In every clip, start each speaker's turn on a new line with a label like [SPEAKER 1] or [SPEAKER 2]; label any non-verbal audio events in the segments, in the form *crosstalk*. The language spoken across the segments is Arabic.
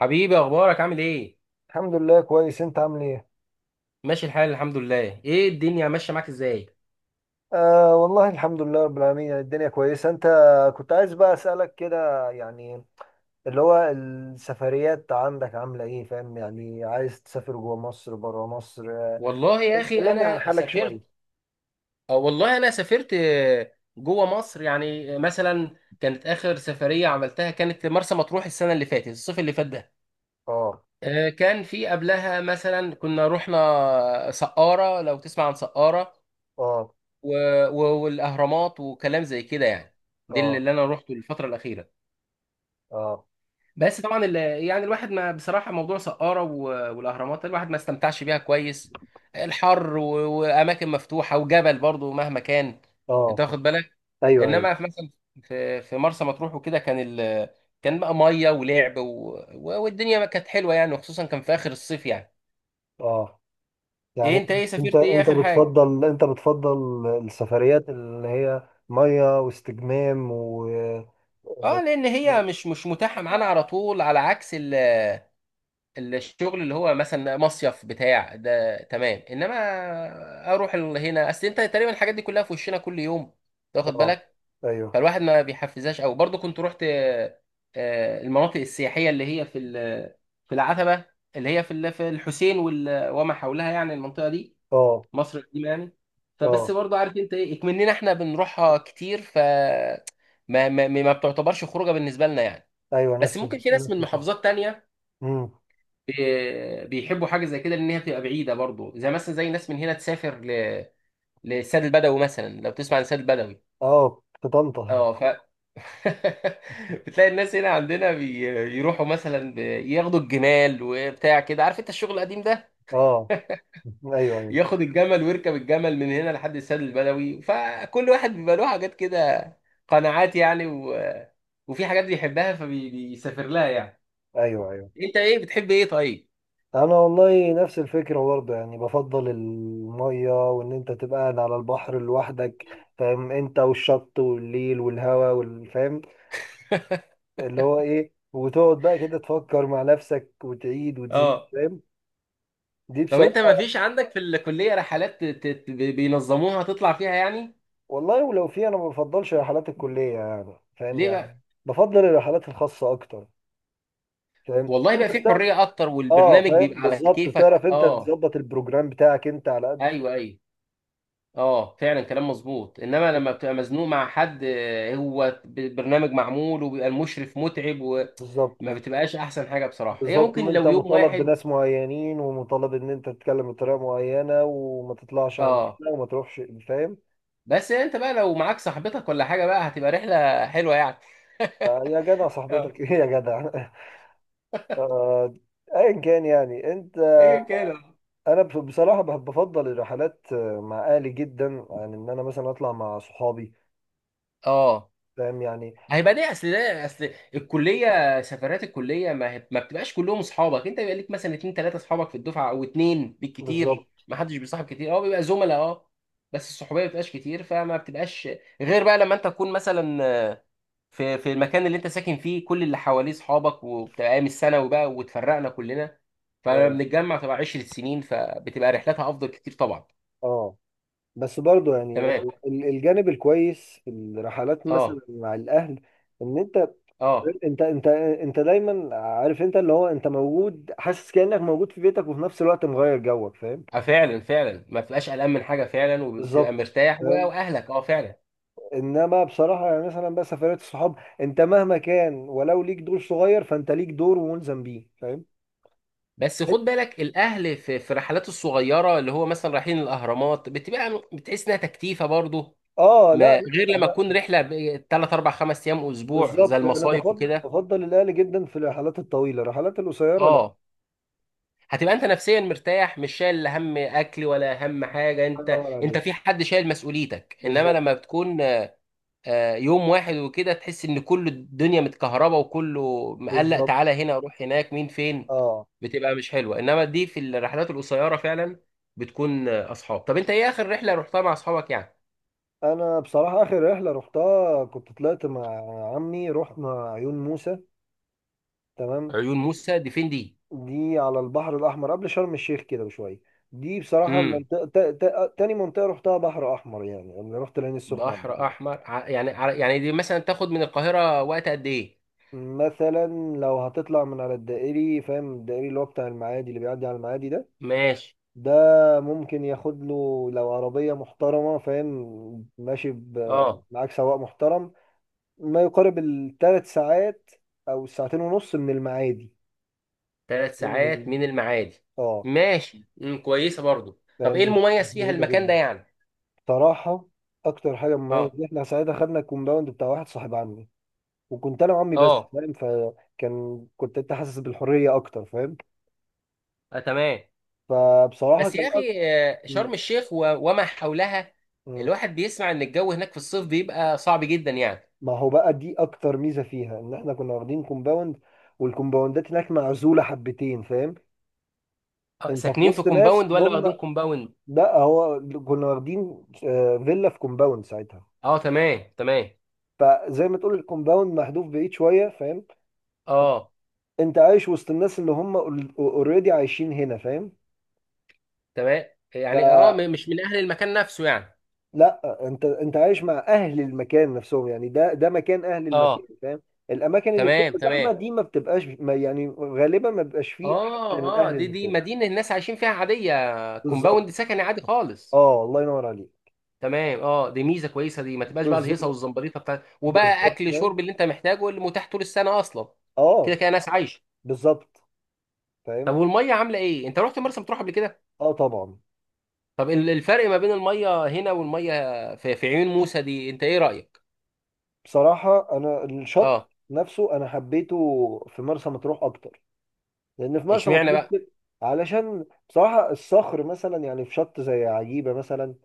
[SPEAKER 1] حبيبي، اخبارك؟ عامل ايه؟
[SPEAKER 2] الحمد لله، كويس. انت عامل ايه؟
[SPEAKER 1] ماشي الحال، الحمد لله. ايه الدنيا ماشيه معاك ازاي؟
[SPEAKER 2] آه والله الحمد لله رب العالمين، يعني الدنيا كويسة. انت كنت عايز بقى اسألك كده، يعني اللي هو السفريات عندك عاملة ايه؟ فاهم يعني، عايز تسافر جوه مصر بره مصر،
[SPEAKER 1] والله يا اخي
[SPEAKER 2] كلمني عن
[SPEAKER 1] انا
[SPEAKER 2] حالك
[SPEAKER 1] سافرت،
[SPEAKER 2] شوية.
[SPEAKER 1] أو والله انا سافرت. جوه مصر يعني، مثلا كانت اخر سفريه عملتها كانت مرسى مطروح، السنه اللي فاتت، الصيف اللي فات ده.
[SPEAKER 2] اه،
[SPEAKER 1] كان في قبلها مثلا كنا رحنا سقاره، لو تسمع عن سقاره،
[SPEAKER 2] اه،
[SPEAKER 1] والاهرامات وكلام زي كده يعني. دي اللي
[SPEAKER 2] اه،
[SPEAKER 1] اللي انا روحته الفتره الاخيره.
[SPEAKER 2] اه،
[SPEAKER 1] بس طبعا يعني الواحد ما بصراحه موضوع سقاره والاهرامات ده، الواحد ما استمتعش بيها كويس. الحر واماكن مفتوحه وجبل برضو مهما كان، انت
[SPEAKER 2] اه،
[SPEAKER 1] واخد بالك؟
[SPEAKER 2] ايوه، ايوه،
[SPEAKER 1] انما في مثلا، في مرسى مطروح وكده، كان كان بقى ميه ولعب والدنيا كانت حلوه يعني، وخصوصا كان في اخر الصيف يعني.
[SPEAKER 2] اه،
[SPEAKER 1] ايه
[SPEAKER 2] يعني
[SPEAKER 1] انت؟ ايه
[SPEAKER 2] انت
[SPEAKER 1] سافرت؟ ايه
[SPEAKER 2] انت
[SPEAKER 1] اخر حاجه؟
[SPEAKER 2] بتفضل السفريات اللي هي مية واستجمام و...
[SPEAKER 1] اه، لان هي مش متاحه معانا على طول، على عكس الشغل، اللي هو مثلا مصيف بتاع ده، تمام. انما اروح هنا، اصل انت تقريبا الحاجات دي كلها في وشنا كل يوم، تاخد
[SPEAKER 2] اه،
[SPEAKER 1] بالك؟
[SPEAKER 2] ايوه،
[SPEAKER 1] فالواحد ما بيحفزهاش. او برضو كنت رحت المناطق السياحيه، اللي هي في في العتبه، اللي هي في في الحسين وما حولها، يعني المنطقه دي،
[SPEAKER 2] اه،
[SPEAKER 1] مصر القديمه يعني. فبس
[SPEAKER 2] اه،
[SPEAKER 1] برضو عارف انت ايه، اكمننا احنا بنروحها كتير، ف ما بتعتبرش خروجه بالنسبه لنا يعني.
[SPEAKER 2] ايوه،
[SPEAKER 1] بس ممكن في ناس
[SPEAKER 2] نفس
[SPEAKER 1] من
[SPEAKER 2] الفكرة.
[SPEAKER 1] محافظات تانية
[SPEAKER 2] امم.
[SPEAKER 1] بيحبوا حاجه زي كده، لان هي بتبقى بعيده برضو، زي مثلا زي ناس من هنا تسافر للسد البدوي مثلا، لو تسمع عن السد البدوي.
[SPEAKER 2] اه، في طنطا.
[SPEAKER 1] اه ف *laughs* بتلاقي الناس هنا عندنا بيروحوا مثلا ياخدوا الجمال وبتاع كده، عارف انت الشغل القديم ده،
[SPEAKER 2] اه، ايوه، ايوه،
[SPEAKER 1] ياخد الجمل ويركب الجمل من هنا لحد السد البدوي. فكل واحد بيبقى له حاجات كده، قناعات يعني، وفي حاجات بيحبها فبيسافر لها يعني.
[SPEAKER 2] ايوه، ايوه،
[SPEAKER 1] انت ايه؟ بتحب ايه طيب؟
[SPEAKER 2] انا والله نفس الفكره برضه، يعني بفضل الميه، وان انت تبقى قاعد على البحر لوحدك، فاهم؟ انت والشط والليل والهواء، والفاهم اللي هو ايه، وتقعد بقى كده تفكر مع نفسك وتعيد وتزيد،
[SPEAKER 1] اه.
[SPEAKER 2] فاهم؟ دي
[SPEAKER 1] طب انت
[SPEAKER 2] بصراحه.
[SPEAKER 1] ما فيش عندك في الكليه رحلات بينظموها تطلع فيها يعني؟
[SPEAKER 2] والله ولو في، انا ما بفضلش رحلات الكليه، يعني فاهم
[SPEAKER 1] ليه
[SPEAKER 2] يعني.
[SPEAKER 1] بقى؟
[SPEAKER 2] بفضل الرحلات الخاصه اكتر، فاهم
[SPEAKER 1] والله بقى
[SPEAKER 2] انت.
[SPEAKER 1] في حريه اكتر،
[SPEAKER 2] اه
[SPEAKER 1] والبرنامج
[SPEAKER 2] فاهم،
[SPEAKER 1] بيبقى على
[SPEAKER 2] بالظبط.
[SPEAKER 1] كيفك،
[SPEAKER 2] بتعرف انت
[SPEAKER 1] اه.
[SPEAKER 2] تظبط البروجرام بتاعك انت على قد.
[SPEAKER 1] ايوه ايوه. اه فعلا، كلام مظبوط. انما لما بتبقى مزنوق مع حد، هو برنامج معمول وبيبقى المشرف متعب، وما
[SPEAKER 2] بالظبط،
[SPEAKER 1] بتبقاش احسن حاجه بصراحه. هي
[SPEAKER 2] بالظبط.
[SPEAKER 1] ممكن
[SPEAKER 2] وانت
[SPEAKER 1] لو يوم
[SPEAKER 2] مطالب
[SPEAKER 1] واحد،
[SPEAKER 2] بناس معينين، ومطالب ان انت تتكلم بطريقه معينه، وما تطلعش عن
[SPEAKER 1] اه.
[SPEAKER 2] كده، وما تروحش، فاهم؟
[SPEAKER 1] بس انت بقى لو معاك صاحبتك ولا حاجه بقى، هتبقى رحله حلوه يعني.
[SPEAKER 2] يا جدع
[SPEAKER 1] *laughs* اه،
[SPEAKER 2] صاحبتك، *laughs* ايه يا جدع. آه، ايا كان يعني انت.
[SPEAKER 1] ايا كان.
[SPEAKER 2] انا بفضل الرحلات، مع اهلي جدا عن ان انا مثلا اطلع مع صحابي،
[SPEAKER 1] اه،
[SPEAKER 2] فاهم يعني.
[SPEAKER 1] هيبقى ليه؟ اصل ده، اصل الكليه، سفرات الكليه ما، ما بتبقاش كلهم اصحابك. انت بيبقى ليك مثلا اتنين تلاته اصحابك في الدفعه، او اتنين بالكتير،
[SPEAKER 2] بالظبط،
[SPEAKER 1] ما حدش بيصاحب كتير، اه بيبقى زملاء، اه. بس الصحوبيه ما بتبقاش كتير، فما بتبقاش غير بقى لما انت تكون مثلا في المكان اللي انت ساكن فيه، كل اللي حواليه اصحابك، وبتبقى ايام الثانوي بقى واتفرقنا كلنا،
[SPEAKER 2] اه،
[SPEAKER 1] فبنتجمع تبقى 10 سنين، فبتبقى رحلاتها افضل كتير طبعا.
[SPEAKER 2] اه. بس برضو يعني،
[SPEAKER 1] تمام.
[SPEAKER 2] الجانب الكويس في الرحلات مثلا
[SPEAKER 1] اه
[SPEAKER 2] مع الاهل، ان
[SPEAKER 1] اه
[SPEAKER 2] انت دايما عارف، انت اللي هو انت موجود، حاسس كانك موجود في بيتك، وفي نفس الوقت مغير جوك، فاهم؟
[SPEAKER 1] اه فعلا، فعلا ما بتبقاش قلقان من حاجه فعلا، وبتبقى
[SPEAKER 2] بالظبط،
[SPEAKER 1] مرتاح
[SPEAKER 2] فاهم.
[SPEAKER 1] واهلك، اه فعلا.
[SPEAKER 2] انما بصراحه يعني مثلا بقى سفرات الصحاب، انت مهما كان ولو ليك دور صغير، فانت ليك دور وملزم بيه، فاهم؟
[SPEAKER 1] بس خد بالك الاهل في الرحلات الصغيره، اللي هو مثلا رايحين الاهرامات، بتبقى بتحس انها تكتيفه برضه.
[SPEAKER 2] اه، لا،
[SPEAKER 1] ما غير
[SPEAKER 2] لا،
[SPEAKER 1] لما
[SPEAKER 2] لا.
[SPEAKER 1] تكون رحله 3 4 5 ايام، اسبوع، زي
[SPEAKER 2] بالظبط، انا
[SPEAKER 1] المصايف
[SPEAKER 2] بفضل
[SPEAKER 1] وكده.
[SPEAKER 2] بفضل الاهل جدا في الرحلات الطويله. الرحلات القصيره لا.
[SPEAKER 1] اه هتبقى انت نفسيا مرتاح، مش شايل لا هم اكل ولا هم حاجه،
[SPEAKER 2] الله
[SPEAKER 1] انت
[SPEAKER 2] ينور
[SPEAKER 1] انت في
[SPEAKER 2] عليك.
[SPEAKER 1] حد شايل مسؤوليتك. انما
[SPEAKER 2] بالظبط،
[SPEAKER 1] لما بتكون يوم واحد وكده، تحس ان كل الدنيا متكهربه وكله مقلق،
[SPEAKER 2] بالظبط.
[SPEAKER 1] تعالى هنا، روح هناك، مين، فين،
[SPEAKER 2] اه،
[SPEAKER 1] بتبقى مش حلوه. انما دي في الرحلات القصيره فعلا، بتكون اصحاب. طب انت ايه اخر رحله رحتها مع اصحابك يعني؟
[SPEAKER 2] انا بصراحه اخر رحله رحتها كنت طلعت مع عمي، رحنا عيون موسى، تمام.
[SPEAKER 1] عيون موسى دي فين دي؟
[SPEAKER 2] دي على البحر الاحمر قبل شرم الشيخ كده بشويه. دي بصراحه
[SPEAKER 1] امم.
[SPEAKER 2] المنطقه تاني منطقه رحتها بحر احمر، يعني انا رحت العين السخنه قبل
[SPEAKER 1] بحر
[SPEAKER 2] كده.
[SPEAKER 1] احمر يعني يعني دي مثلا تاخد من القاهره وقت قد ايه؟
[SPEAKER 2] مثلا لو هتطلع من على الدائري، فاهم؟ الدائري اللي هو بتاع المعادي، اللي بيعدي على المعادي ده،
[SPEAKER 1] ماشي.
[SPEAKER 2] ده ممكن ياخد له، لو عربيه محترمه، فاهم، ماشي،
[SPEAKER 1] اه،
[SPEAKER 2] معاك سواق محترم، ما يقارب الثلاث ساعات، او ساعتين ونص من المعادي.
[SPEAKER 1] ثلاث
[SPEAKER 2] جنب
[SPEAKER 1] ساعات من المعادي؟
[SPEAKER 2] اه،
[SPEAKER 1] ماشي، امم، كويسه برضو. طب
[SPEAKER 2] فاهم.
[SPEAKER 1] ايه
[SPEAKER 2] مش
[SPEAKER 1] المميز فيها
[SPEAKER 2] بعيده
[SPEAKER 1] المكان
[SPEAKER 2] جدا
[SPEAKER 1] ده يعني؟
[SPEAKER 2] بصراحه. اكتر حاجه مميزه،
[SPEAKER 1] اه
[SPEAKER 2] دي احنا ساعتها خدنا الكومباوند بتاع واحد صاحب عمي، وكنت انا وعمي بس،
[SPEAKER 1] اه
[SPEAKER 2] فاهم؟ فكان، كنت انت حاسس بالحريه اكتر، فاهم؟
[SPEAKER 1] تمام.
[SPEAKER 2] فبصراحه
[SPEAKER 1] بس
[SPEAKER 2] كان
[SPEAKER 1] يا اخي
[SPEAKER 2] م-
[SPEAKER 1] شرم الشيخ وما حولها،
[SPEAKER 2] م-
[SPEAKER 1] الواحد بيسمع ان الجو هناك في الصيف بيبقى صعب جدا يعني.
[SPEAKER 2] ما هو بقى، دي اكتر ميزه فيها ان احنا كنا واخدين كومباوند، والكومباوندات هناك معزوله حبتين، فاهم؟ انت في
[SPEAKER 1] ساكنين في
[SPEAKER 2] وسط ناس
[SPEAKER 1] كومباوند ولا واخدين
[SPEAKER 2] هم.
[SPEAKER 1] كومباوند؟
[SPEAKER 2] لا، هو كنا واخدين فيلا في كومباوند ساعتها.
[SPEAKER 1] اه تمام تمام.
[SPEAKER 2] فزي ما تقول الكومباوند محذوف بعيد شويه، فاهم؟
[SPEAKER 1] اه
[SPEAKER 2] انت عايش وسط الناس اللي هم اوريدي عايشين هنا، فاهم؟
[SPEAKER 1] تمام، يعني اه
[SPEAKER 2] فلا،
[SPEAKER 1] مش من اهل المكان نفسه يعني.
[SPEAKER 2] انت عايش مع اهل المكان نفسهم، يعني ده مكان اهل المكان،
[SPEAKER 1] اه
[SPEAKER 2] فاهم؟ الاماكن اللي
[SPEAKER 1] تمام
[SPEAKER 2] بتبقى
[SPEAKER 1] تمام.
[SPEAKER 2] زحمه دي ما بتبقاش، ما يعني غالبا ما بيبقاش فيه حد من
[SPEAKER 1] اه اه،
[SPEAKER 2] اهل
[SPEAKER 1] دي دي
[SPEAKER 2] المكان.
[SPEAKER 1] مدينة الناس عايشين فيها عادية، كومباوند
[SPEAKER 2] بالظبط،
[SPEAKER 1] سكني عادي خالص.
[SPEAKER 2] اه، الله ينور عليك.
[SPEAKER 1] تمام اه، دي ميزة كويسة، دي ما تبقاش بقى الهيصة
[SPEAKER 2] بالظبط،
[SPEAKER 1] والزمبريطة بتاع، وبقى
[SPEAKER 2] بالظبط
[SPEAKER 1] اكل
[SPEAKER 2] فاهم.
[SPEAKER 1] شرب اللي انت محتاجه، اللي متاح طول السنة اصلا. كده
[SPEAKER 2] اه،
[SPEAKER 1] كده ناس عايشة.
[SPEAKER 2] بالظبط
[SPEAKER 1] طب
[SPEAKER 2] فاهم.
[SPEAKER 1] والميه عامله ايه؟ انت رحت مرسى مطروح قبل كده.
[SPEAKER 2] اه طبعا.
[SPEAKER 1] طب الفرق ما بين الميه هنا والميه في، في عيون موسى دي، انت ايه رايك؟
[SPEAKER 2] بصراحة أنا الشط
[SPEAKER 1] اه،
[SPEAKER 2] نفسه أنا حبيته في مرسى مطروح أكتر، لأن في مرسى
[SPEAKER 1] اشمعنى
[SPEAKER 2] مطروح
[SPEAKER 1] بقى؟
[SPEAKER 2] كده- علشان بصراحة الصخر مثلا، يعني في شط زي عجيبة مثلا،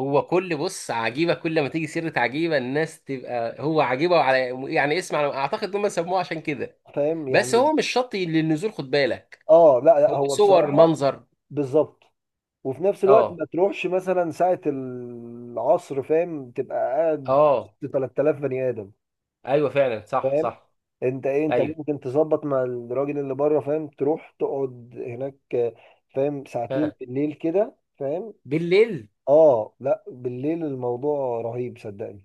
[SPEAKER 1] هو كل بص عجيبه، كل ما تيجي سيره عجيبه الناس تبقى هو عجيبه، وعلى يعني اسم، على اعتقد ان هم سموه عشان كده.
[SPEAKER 2] فاهم
[SPEAKER 1] بس
[SPEAKER 2] يعني.
[SPEAKER 1] هو مش شط للنزول، خد بالك.
[SPEAKER 2] لا، لا،
[SPEAKER 1] هو
[SPEAKER 2] هو
[SPEAKER 1] صور
[SPEAKER 2] بصراحة.
[SPEAKER 1] منظر.
[SPEAKER 2] بالظبط، وفي نفس الوقت
[SPEAKER 1] اه
[SPEAKER 2] ما تروحش مثلا ساعة العصر، فاهم؟ تبقى قاعد
[SPEAKER 1] اه
[SPEAKER 2] وسط 3000 بني آدم،
[SPEAKER 1] ايوه فعلا صح
[SPEAKER 2] فاهم؟
[SPEAKER 1] صح.
[SPEAKER 2] أنت إيه، أنت
[SPEAKER 1] ايوه
[SPEAKER 2] ممكن تظبط مع الراجل اللي بره، فاهم، تروح تقعد هناك، فاهم، ساعتين
[SPEAKER 1] آه.
[SPEAKER 2] بالليل كده، فاهم؟
[SPEAKER 1] بالليل.
[SPEAKER 2] اه لا، بالليل الموضوع رهيب، صدقني.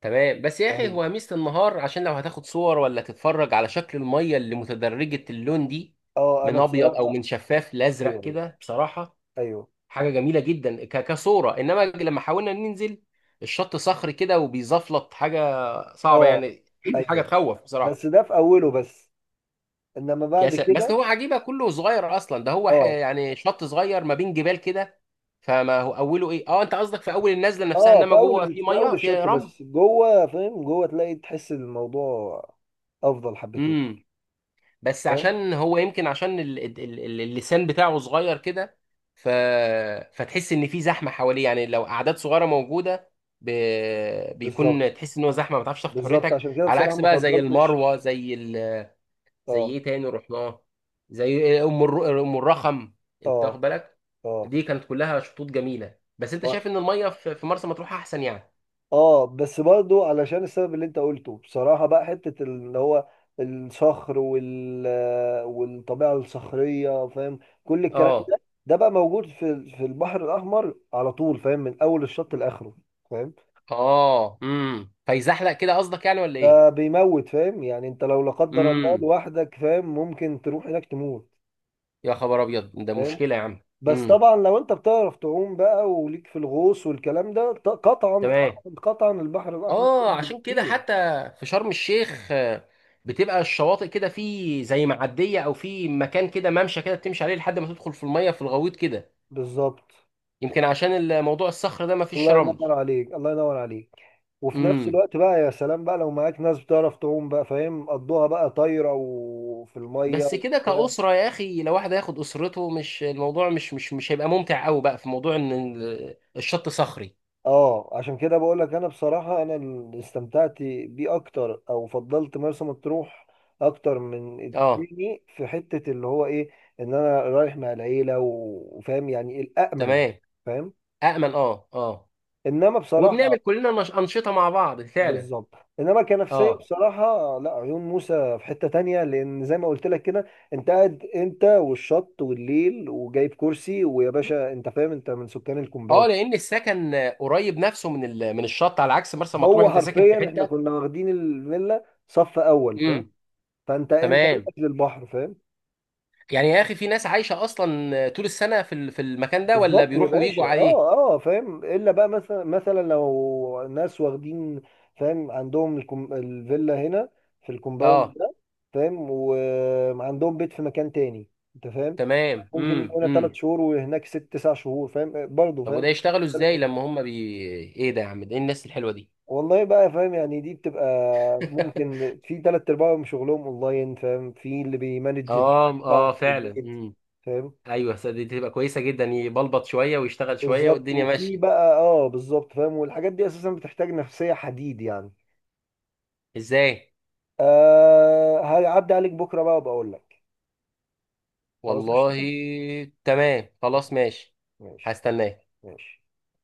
[SPEAKER 1] تمام. بس يا اخي
[SPEAKER 2] رهيب،
[SPEAKER 1] هو ميزة النهار، عشان لو هتاخد صور ولا تتفرج على شكل المية اللي متدرجة اللون دي،
[SPEAKER 2] اه، انا
[SPEAKER 1] من ابيض او
[SPEAKER 2] بصراحة.
[SPEAKER 1] من شفاف لازرق
[SPEAKER 2] ايوه،
[SPEAKER 1] كده بصراحة،
[SPEAKER 2] ايوه،
[SPEAKER 1] حاجة جميلة جدا كصورة. انما لما حاولنا ننزل، الشط صخري كده وبيزفلط، حاجة صعبة
[SPEAKER 2] اه،
[SPEAKER 1] يعني، *clears throat* حاجة
[SPEAKER 2] ايوه.
[SPEAKER 1] تخوف
[SPEAKER 2] بس
[SPEAKER 1] بصراحة.
[SPEAKER 2] ده في اوله بس، انما بعد
[SPEAKER 1] بس
[SPEAKER 2] كده.
[SPEAKER 1] هو عجيبة كله صغير اصلا، ده هو
[SPEAKER 2] اه،
[SPEAKER 1] يعني شط صغير ما بين جبال كده. فما هو اوله ايه، اه انت قصدك في اول النزلة نفسها،
[SPEAKER 2] اه،
[SPEAKER 1] انما جوه في
[SPEAKER 2] في اول
[SPEAKER 1] مية فيها
[SPEAKER 2] الشط
[SPEAKER 1] رمل.
[SPEAKER 2] بس، جوه فاهم، جوه تلاقي تحس الموضوع افضل حبتين،
[SPEAKER 1] إمم. بس
[SPEAKER 2] فاهم؟
[SPEAKER 1] عشان هو يمكن، عشان اللسان بتاعه صغير كده، ف... فتحس ان في زحمه حواليه يعني، لو اعداد صغيره موجوده، ب...
[SPEAKER 2] بالظبط،
[SPEAKER 1] بيكون تحس ان هو زحمه، ما بتعرفش تاخد
[SPEAKER 2] بالظبط.
[SPEAKER 1] حريتك.
[SPEAKER 2] عشان كده
[SPEAKER 1] على
[SPEAKER 2] بصراحة
[SPEAKER 1] عكس
[SPEAKER 2] ما
[SPEAKER 1] بقى زي المروه،
[SPEAKER 2] فضلتش.
[SPEAKER 1] زي زي
[SPEAKER 2] اه،
[SPEAKER 1] ايه تاني رحناه، زي ام الرخم، انت
[SPEAKER 2] اه،
[SPEAKER 1] واخد بالك؟
[SPEAKER 2] اه،
[SPEAKER 1] دي كانت كلها شطوط جميله، بس انت
[SPEAKER 2] آه.
[SPEAKER 1] شايف ان الميه في، في مرسى مطروح احسن يعني.
[SPEAKER 2] اه، بس برضو علشان السبب اللي انت قلته بصراحة، بقى حتة اللي هو الصخر وال... والطبيعة الصخرية، فاهم؟ كل الكلام
[SPEAKER 1] اه
[SPEAKER 2] ده، ده بقى موجود في البحر الأحمر على طول، فاهم، من أول الشط لآخره، فاهم.
[SPEAKER 1] اه امم، فيزحلق كده قصدك يعني ولا ايه؟
[SPEAKER 2] ده بيموت، فاهم يعني، انت لو لا قدر الله
[SPEAKER 1] امم،
[SPEAKER 2] لوحدك، فاهم، ممكن تروح هناك تموت،
[SPEAKER 1] يا خبر ابيض، ده
[SPEAKER 2] فاهم؟
[SPEAKER 1] مشكله يا عم.
[SPEAKER 2] بس
[SPEAKER 1] امم
[SPEAKER 2] طبعا لو انت بتعرف تعوم بقى، وليك في الغوص والكلام ده، قطعا،
[SPEAKER 1] تمام.
[SPEAKER 2] قطعا، قطعا البحر الأحمر
[SPEAKER 1] اه
[SPEAKER 2] أفضل
[SPEAKER 1] عشان كده
[SPEAKER 2] بكتير.
[SPEAKER 1] حتى في شرم الشيخ بتبقى الشواطئ كده، في زي معديه او في مكان كده ممشى كده بتمشي عليه لحد ما تدخل في الميه في الغويط كده.
[SPEAKER 2] بالظبط،
[SPEAKER 1] يمكن عشان الموضوع الصخر ده ما فيش
[SPEAKER 2] الله
[SPEAKER 1] رمل.
[SPEAKER 2] ينور عليك، الله ينور عليك. وفي نفس
[SPEAKER 1] امم.
[SPEAKER 2] الوقت بقى، يا سلام بقى لو معاك ناس بتعرف تعوم بقى، فاهم، قضوها بقى طايرة، وفي المية
[SPEAKER 1] بس كده
[SPEAKER 2] وبتاع.
[SPEAKER 1] كأسرة يا أخي، لو واحد هياخد أسرته، مش الموضوع مش هيبقى ممتع قوي بقى، في موضوع إن الشط صخري.
[SPEAKER 2] اه، عشان كده بقول لك، انا بصراحة انا اللي استمتعت بيه اكتر، او فضلت مرسى مطروح اكتر من
[SPEAKER 1] اه
[SPEAKER 2] التاني، في حتة اللي هو ايه، ان انا رايح مع العيلة وفاهم، يعني الامن،
[SPEAKER 1] تمام.
[SPEAKER 2] فاهم؟
[SPEAKER 1] أأمن اه اه.
[SPEAKER 2] انما بصراحة.
[SPEAKER 1] وبنعمل كلنا أنشطة مع بعض فعلا.
[SPEAKER 2] بالظبط. انما كنفسيه
[SPEAKER 1] اه
[SPEAKER 2] بصراحه لا، عيون موسى في حته تانية، لان زي ما قلت لك كده، انت قاعد انت والشط والليل، وجايب كرسي، ويا باشا انت فاهم، انت من سكان
[SPEAKER 1] اه،
[SPEAKER 2] الكومباوند.
[SPEAKER 1] لان السكن قريب نفسه من من الشط، على عكس مرسى مطروح
[SPEAKER 2] هو
[SPEAKER 1] انت ساكن في
[SPEAKER 2] حرفيا احنا
[SPEAKER 1] حته.
[SPEAKER 2] كنا واخدين الفيلا صف اول، فاهم؟
[SPEAKER 1] امم
[SPEAKER 2] فانت، انت
[SPEAKER 1] تمام.
[SPEAKER 2] منك للبحر، فاهم؟
[SPEAKER 1] يعني يا اخي في ناس عايشه اصلا طول السنه في في المكان ده، ولا
[SPEAKER 2] بالظبط يا
[SPEAKER 1] بيروحوا
[SPEAKER 2] باشا.
[SPEAKER 1] ويجوا عليه؟
[SPEAKER 2] اه، اه، فاهم الا بقى، مثلا لو ناس واخدين، فاهم، عندهم الفيلا هنا في الكومباوند
[SPEAKER 1] اه
[SPEAKER 2] ده، فاهم، وعندهم بيت في مكان تاني، انت فاهم؟
[SPEAKER 1] تمام
[SPEAKER 2] ممكن يجي هنا ثلاث
[SPEAKER 1] امم.
[SPEAKER 2] شهور وهناك 6 9 شهور، فاهم برضه؟
[SPEAKER 1] طب وده
[SPEAKER 2] فاهم.
[SPEAKER 1] يشتغلوا ازاي لما هم بي، ايه ده يا عم، ده ايه الناس الحلوه دي؟
[SPEAKER 2] والله بقى، فاهم يعني دي بتبقى،
[SPEAKER 1] *laughs*
[SPEAKER 2] ممكن في ثلاث ارباعهم شغلهم اونلاين، فاهم، في اللي بيمانج الشغل
[SPEAKER 1] اه
[SPEAKER 2] بتاعهم
[SPEAKER 1] اه
[SPEAKER 2] في
[SPEAKER 1] فعلا
[SPEAKER 2] البيت،
[SPEAKER 1] امم.
[SPEAKER 2] فاهم.
[SPEAKER 1] ايوه صدق، دي تبقى كويسه جدا، يبلبط شويه ويشتغل شويه
[SPEAKER 2] بالظبط،
[SPEAKER 1] والدنيا
[SPEAKER 2] وفي
[SPEAKER 1] ماشيه.
[SPEAKER 2] بقى اه بالظبط فاهم. والحاجات دي اساسا بتحتاج نفسية حديد يعني.
[SPEAKER 1] ازاي؟
[SPEAKER 2] آه، هعدي عليك بكره بقى، وبقول لك. خلاص، قشطة؟
[SPEAKER 1] والله. تمام، خلاص
[SPEAKER 2] ماشي،
[SPEAKER 1] ماشي.
[SPEAKER 2] ماشي،
[SPEAKER 1] هستناه.
[SPEAKER 2] ماشي.